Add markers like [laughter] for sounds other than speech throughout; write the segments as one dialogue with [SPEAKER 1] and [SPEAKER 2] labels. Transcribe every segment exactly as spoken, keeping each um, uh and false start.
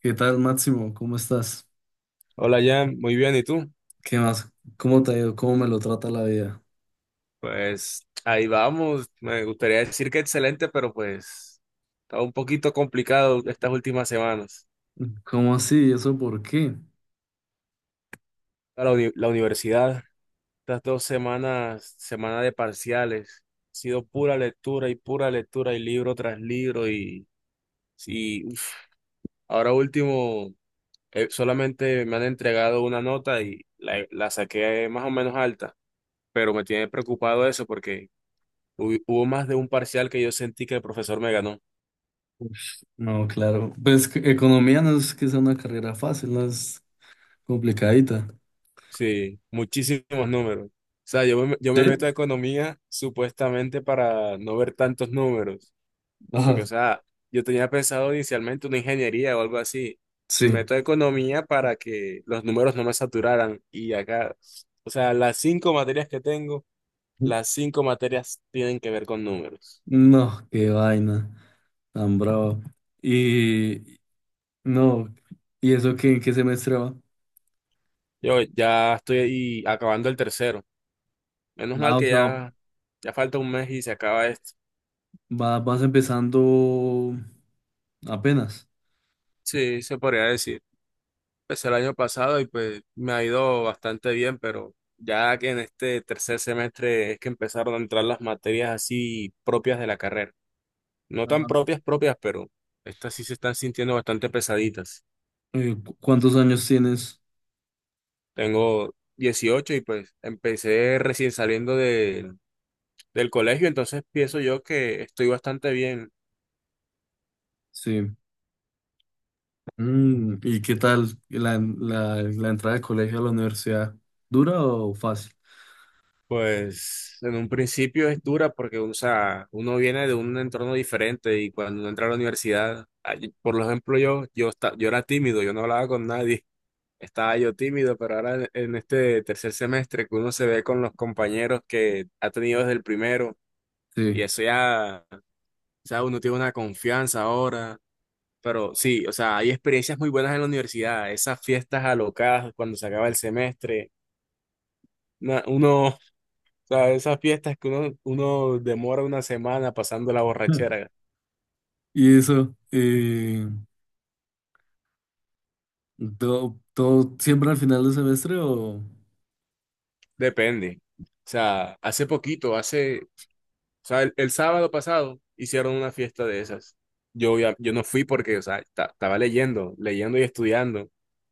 [SPEAKER 1] ¿Qué tal, Máximo? ¿Cómo estás?
[SPEAKER 2] Hola Jan, muy bien, ¿y tú?
[SPEAKER 1] ¿Qué más? ¿Cómo te ha ido? ¿Cómo me lo trata la vida?
[SPEAKER 2] Pues ahí vamos, me gustaría decir que excelente, pero pues está un poquito complicado estas últimas semanas.
[SPEAKER 1] ¿Cómo así? ¿Eso por qué?
[SPEAKER 2] La, uni- la universidad, estas dos semanas, semana de parciales, ha sido pura lectura y pura lectura y libro tras libro y, y uf, ahora último, eh, solamente me han entregado una nota y la, la saqué más o menos alta, pero me tiene preocupado eso porque hu- hubo más de un parcial que yo sentí que el profesor me ganó.
[SPEAKER 1] Ush, no, claro. Pues que economía no es que sea una carrera fácil, no es complicadita.
[SPEAKER 2] Sí, muchísimos números. O sea, yo me, yo me meto a
[SPEAKER 1] ¿Sí?
[SPEAKER 2] economía supuestamente para no ver tantos números,
[SPEAKER 1] Ajá,
[SPEAKER 2] porque, o sea, yo tenía pensado inicialmente una ingeniería o algo así. Me
[SPEAKER 1] sí.
[SPEAKER 2] meto a economía para que los números no me saturaran y acá, o sea, las cinco materias que tengo, las cinco materias tienen que ver con números.
[SPEAKER 1] No, qué vaina, tan bravo. Y no, ¿y eso qué, en qué semestre va?
[SPEAKER 2] Yo ya estoy ahí acabando el tercero. Menos mal
[SPEAKER 1] Ah, o
[SPEAKER 2] que
[SPEAKER 1] sea,
[SPEAKER 2] ya, ya falta un mes y se acaba esto.
[SPEAKER 1] va- vas empezando apenas.
[SPEAKER 2] Sí, se podría decir. Pues el año pasado y pues me ha ido bastante bien, pero ya que en este tercer semestre es que empezaron a entrar las materias así propias de la carrera. No tan
[SPEAKER 1] Ah,
[SPEAKER 2] propias, propias, pero estas sí se están sintiendo bastante pesaditas.
[SPEAKER 1] eh, ¿cu- ¿cuántos años tienes?
[SPEAKER 2] Tengo dieciocho y pues empecé recién saliendo de- del colegio, entonces pienso yo que estoy bastante bien.
[SPEAKER 1] Sí. Mm, ¿y qué tal la, la, la entrada de colegio a la universidad? ¿Dura o fácil?
[SPEAKER 2] Pues en un principio es dura porque, o sea, uno viene de un entorno diferente y cuando uno entra a la universidad, ay, por ejemplo, yo, yo, esta- yo era tímido, yo no hablaba con nadie, [laughs] estaba yo tímido, pero ahora en, en este tercer semestre que uno se ve con los compañeros que ha tenido desde el primero y
[SPEAKER 1] Sí.
[SPEAKER 2] eso ya, o sea, uno tiene una confianza ahora, pero sí, o sea, hay experiencias muy buenas en la universidad, esas fiestas alocadas cuando se acaba el semestre, na- uno... sea, esas fiestas que uno, uno demora una semana pasando la borrachera,
[SPEAKER 1] [laughs] ¿Y eso? eh, ¿todo, todo siempre al final del semestre o...?
[SPEAKER 2] depende. O sea, hace poquito, hace, o sea, el, el sábado pasado hicieron una fiesta de esas. Yo, ya- yo no fui porque, o sea, ta estaba leyendo, leyendo y estudiando.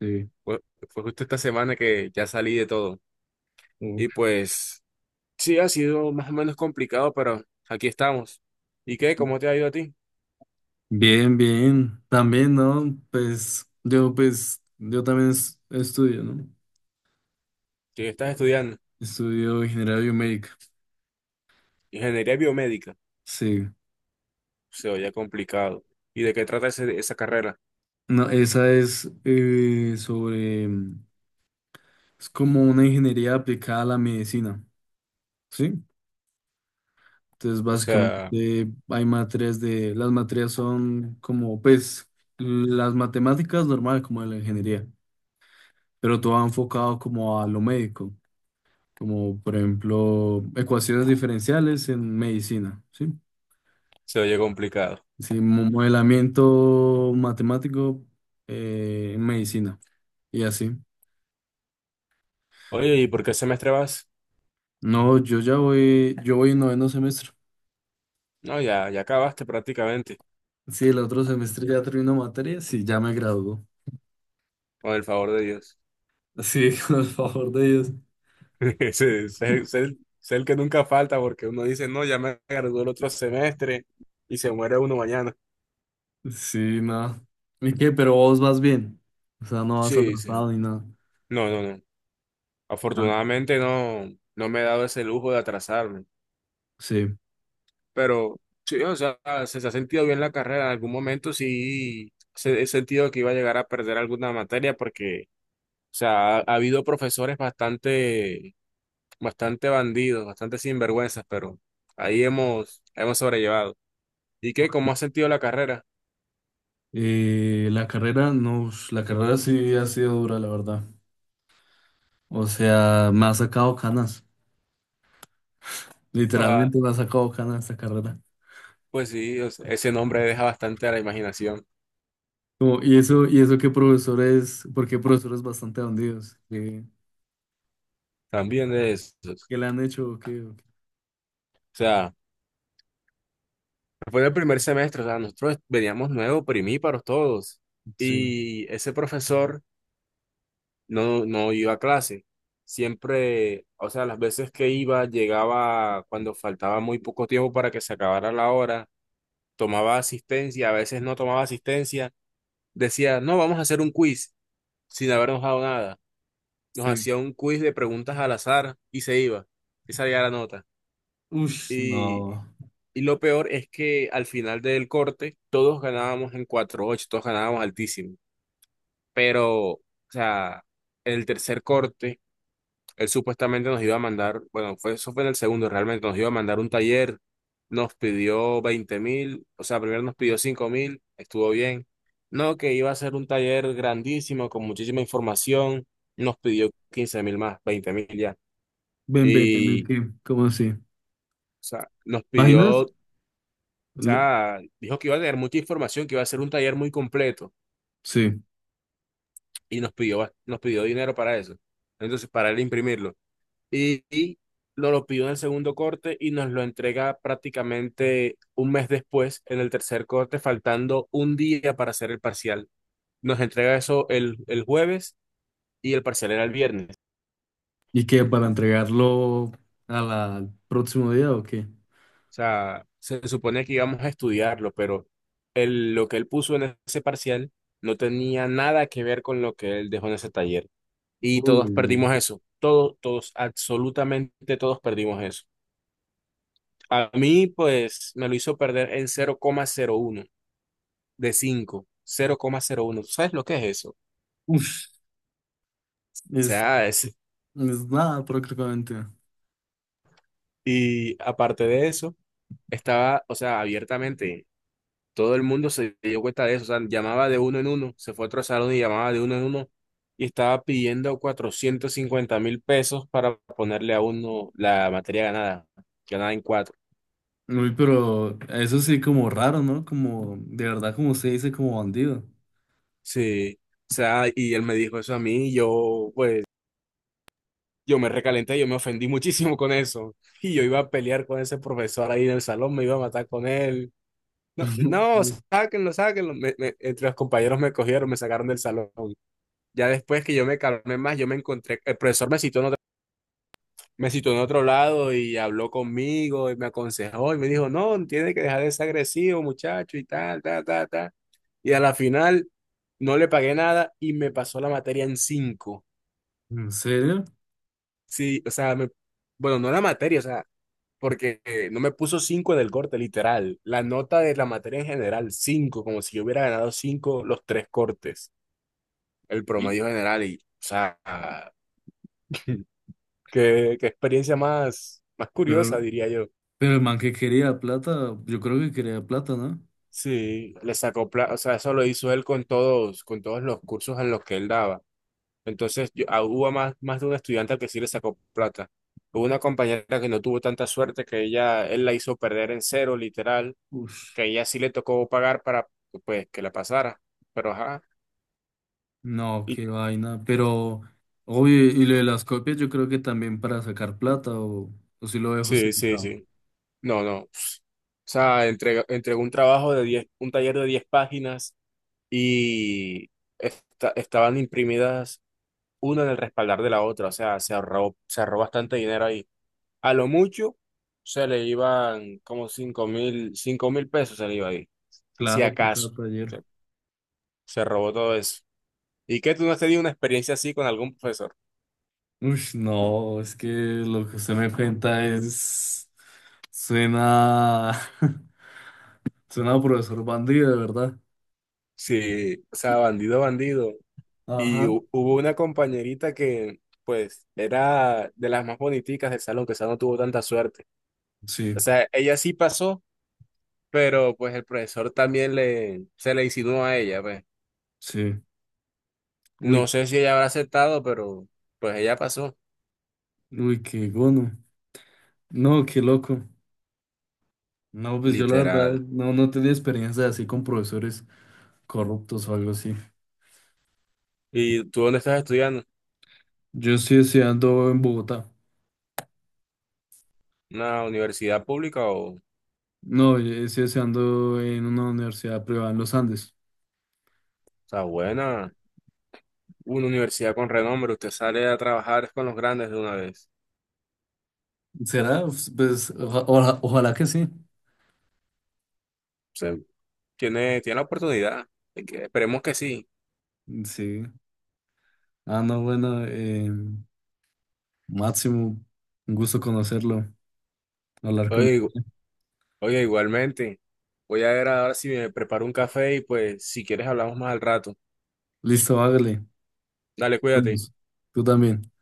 [SPEAKER 1] Sí.
[SPEAKER 2] Fue, fue justo esta semana que ya salí de todo. Y
[SPEAKER 1] Uf.
[SPEAKER 2] pues, sí, ha sido más o menos complicado, pero aquí estamos. ¿Y qué? ¿Cómo te ha ido a ti?
[SPEAKER 1] Bien, bien. También, ¿no? Pues yo, pues, yo también es- estudio, ¿no?
[SPEAKER 2] ¿Qué estás estudiando?
[SPEAKER 1] Estudio ingeniería biomédica.
[SPEAKER 2] Ingeniería biomédica.
[SPEAKER 1] Sí.
[SPEAKER 2] Se oye complicado. ¿Y de qué trata ese- esa carrera?
[SPEAKER 1] No, esa es eh, sobre... Es como una ingeniería aplicada a la medicina. ¿Sí? Entonces,
[SPEAKER 2] O sea,
[SPEAKER 1] básicamente hay materias de, las materias son como, pues, las matemáticas normal, como de la ingeniería, pero todo enfocado como a lo médico, como por ejemplo ecuaciones diferenciales en medicina, ¿sí?
[SPEAKER 2] se oye complicado.
[SPEAKER 1] Sí, mo- modelamiento matemático eh, en medicina y así.
[SPEAKER 2] Oye, ¿y por qué semestre vas?
[SPEAKER 1] No, yo ya voy, yo voy en noveno semestre.
[SPEAKER 2] No, ya, ya acabaste prácticamente,
[SPEAKER 1] Sí, el otro semestre ya termino materias y ya me gradúo.
[SPEAKER 2] con el favor de Dios.
[SPEAKER 1] Sí, [laughs] con el favor de Dios.
[SPEAKER 2] [laughs] Ese es el, es el- es el que nunca falta porque uno dice, no, ya me gradué el otro semestre y se muere uno mañana.
[SPEAKER 1] Sí, nada. ¿Y qué? Pero vos vas bien. O sea, no vas
[SPEAKER 2] Sí, sí.
[SPEAKER 1] atrasado ni nada.
[SPEAKER 2] No, no, no.
[SPEAKER 1] Ah,
[SPEAKER 2] Afortunadamente no, no me he dado ese lujo de atrasarme.
[SPEAKER 1] sí.
[SPEAKER 2] Pero sí, o sea, se, se ha sentido bien la carrera. En algún momento sí se, he sentido que iba a llegar a perder alguna materia porque, o sea, ha ha habido profesores bastante bastante bandidos, bastante sinvergüenzas, pero ahí hemos, hemos sobrellevado. ¿Y qué? ¿Cómo has sentido la carrera?
[SPEAKER 1] Eh, la carrera, no, ush, la carrera sí ha sido dura, la verdad. O sea, me ha sacado canas.
[SPEAKER 2] No, ah,
[SPEAKER 1] Literalmente me ha sacado canas esta carrera.
[SPEAKER 2] pues sí, o sea, ese nombre deja bastante a la imaginación
[SPEAKER 1] Como, y eso, y eso que profesores, porque profesores bastante bandidos, que,
[SPEAKER 2] también de esos.
[SPEAKER 1] que le han hecho, ¿o qué? ¿O qué?
[SPEAKER 2] O sea, fue el primer semestre, o sea, nosotros veníamos nuevos, primíparos todos,
[SPEAKER 1] Sí,
[SPEAKER 2] y ese profesor no, no iba a clase. Siempre, o sea, las veces que iba, llegaba cuando faltaba muy poco tiempo para que se acabara la hora, tomaba asistencia, a veces no tomaba asistencia decía, no, vamos a hacer un quiz sin habernos dado nada. Nos
[SPEAKER 1] sí.
[SPEAKER 2] hacía un quiz de preguntas al azar y se iba. Y salía la nota.
[SPEAKER 1] Ush,
[SPEAKER 2] Y,
[SPEAKER 1] no.
[SPEAKER 2] y lo peor es que al final del corte todos ganábamos en cuatro ocho, todos ganábamos altísimo. Pero, o sea, en el tercer corte él supuestamente nos iba a mandar, bueno, fue, eso fue en el segundo realmente, nos iba a mandar un taller, nos pidió veinte mil, o sea, primero nos pidió cinco mil, estuvo bien. No, que iba a ser un taller grandísimo, con muchísima información, nos pidió quince mil más, veinte mil ya.
[SPEAKER 1] Ven, ven, ven,
[SPEAKER 2] Y, o
[SPEAKER 1] ¿qué? ¿Cómo así?
[SPEAKER 2] sea, nos pidió,
[SPEAKER 1] ¿Páginas?
[SPEAKER 2] o
[SPEAKER 1] Le-
[SPEAKER 2] sea, dijo que iba a tener mucha información, que iba a ser un taller muy completo,
[SPEAKER 1] sí.
[SPEAKER 2] y nos pidió, nos pidió dinero para eso. Entonces, para él imprimirlo. Y, y nos lo pidió en el segundo corte y nos lo entrega prácticamente un mes después, en el tercer corte, faltando un día para hacer el parcial. Nos entrega eso el, el jueves y el parcial era el viernes.
[SPEAKER 1] ¿Y qué, para entregarlo a la- al próximo día o qué?
[SPEAKER 2] O sea, se supone que íbamos a estudiarlo, pero el, lo que él puso en ese parcial no tenía nada que ver con lo que él dejó en ese taller. Y
[SPEAKER 1] Uy,
[SPEAKER 2] todos
[SPEAKER 1] no.
[SPEAKER 2] perdimos eso. Todos, todos, absolutamente todos perdimos eso. A mí, pues, me lo hizo perder en cero cero coma cero uno de cinco cero coma cero uno. ¿Tú sabes lo que es eso? O
[SPEAKER 1] Ush, es,
[SPEAKER 2] sea, es-
[SPEAKER 1] es nada prácticamente.
[SPEAKER 2] y aparte de eso, estaba, o sea, abiertamente, todo el mundo se dio cuenta de eso, o sea, llamaba de uno en uno, se fue a otro salón y llamaba de uno en uno y estaba pidiendo cuatrocientos cincuenta mil pesos para ponerle a uno la materia ganada, ganada en cuatro.
[SPEAKER 1] Uy, pero eso sí como raro, ¿no? Como, de verdad, como se dice, como bandido.
[SPEAKER 2] Sí, o sea, y él me dijo eso a mí y yo, pues, yo me recalenté, yo me ofendí muchísimo con eso. Y yo iba a pelear con ese profesor ahí en el salón, me iba a matar con él. No, no,
[SPEAKER 1] [laughs]
[SPEAKER 2] sáquenlo, sáquenlo. Me- me- entre los compañeros me cogieron, me sacaron del salón. Ya después que yo me calmé más, yo me encontré, el profesor me citó en otro, me citó en otro lado y habló conmigo y me aconsejó y me dijo, no, tiene que dejar de ser agresivo, muchacho, y tal, tal, tal, tal. Y a la final no le pagué nada y me pasó la materia en cinco.
[SPEAKER 1] ¿En serio?
[SPEAKER 2] Sí, o sea, me, bueno, no la materia, o sea, porque eh, no me puso cinco en el corte, literal. La nota de la materia en general, cinco como si yo hubiera ganado cinco los tres cortes, el
[SPEAKER 1] Y-
[SPEAKER 2] promedio general. Y, o sea, [laughs] qué, qué experiencia más, más curiosa,
[SPEAKER 1] Pero,
[SPEAKER 2] diría yo.
[SPEAKER 1] pero el man que quería plata, yo creo que quería plata, ¿no?
[SPEAKER 2] Sí, le sacó, pla- o sea, eso lo hizo él con todos, con todos los cursos en los que él daba. Entonces, yo- ah, hubo más, más de un estudiante al que sí le sacó plata. Hubo una compañera que no tuvo tanta suerte que ella, él la hizo perder en cero, literal.
[SPEAKER 1] Ush,
[SPEAKER 2] Que ella sí le tocó pagar para pues que la pasara. Pero ajá.
[SPEAKER 1] no,
[SPEAKER 2] Y,
[SPEAKER 1] qué vaina. Pero, obvio, y lo de las copias, yo creo que también para sacar plata o, o si lo dejo
[SPEAKER 2] sí, sí,
[SPEAKER 1] justificado.
[SPEAKER 2] sí. No, no. O sea, entrega entregó un trabajo de diez, un taller de diez páginas y esta- estaban imprimidas una en el respaldar de la otra. O sea, se ahorró, se ahorró bastante dinero ahí. A lo mucho se le iban como cinco mil, cinco mil pesos se le iba ahí.
[SPEAKER 1] Claro,
[SPEAKER 2] Hacía
[SPEAKER 1] por
[SPEAKER 2] caso.
[SPEAKER 1] cada taller.
[SPEAKER 2] Se, se robó todo eso. ¿Y qué, tú no has tenido una experiencia así con algún profesor?
[SPEAKER 1] Uy, no, es que lo que usted me cuenta es... Suena... [laughs] Suena a profesor bandido, de verdad.
[SPEAKER 2] Sí, o sea, bandido, bandido. Y
[SPEAKER 1] Ajá.
[SPEAKER 2] hu- hubo una compañerita que, pues, era de las más boniticas del salón, que esa no tuvo tanta suerte. O
[SPEAKER 1] Sí,
[SPEAKER 2] sea, ella sí pasó, pero pues el profesor también le, se le insinuó a ella, pues.
[SPEAKER 1] sí. Uy,
[SPEAKER 2] No sé si ella habrá aceptado, pero pues ella pasó,
[SPEAKER 1] uy, qué gono. No, qué loco. No, pues yo la verdad
[SPEAKER 2] literal.
[SPEAKER 1] no, no tenía experiencia así con profesores corruptos o algo así.
[SPEAKER 2] ¿Y tú dónde estás estudiando?
[SPEAKER 1] Yo estoy estudiando en Bogotá.
[SPEAKER 2] ¿Una universidad pública o, o
[SPEAKER 1] No, yo estoy estudiando en una universidad privada, en los Andes.
[SPEAKER 2] sea, buena? Una universidad con renombre, usted sale a trabajar con los grandes de una vez.
[SPEAKER 1] ¿Será? Pues oja- oja- ojalá que sí.
[SPEAKER 2] Tiene, tiene la oportunidad. Así que esperemos que sí.
[SPEAKER 1] Sí. Ah, no, bueno, em, Máximo, un gusto conocerlo, hablar con...
[SPEAKER 2] Oye, igu- oye, igualmente. Voy a ver ahora si me preparo un café y pues si quieres hablamos más al rato.
[SPEAKER 1] Listo, hágale.
[SPEAKER 2] Dale, cuídate.
[SPEAKER 1] Vamos, tú también.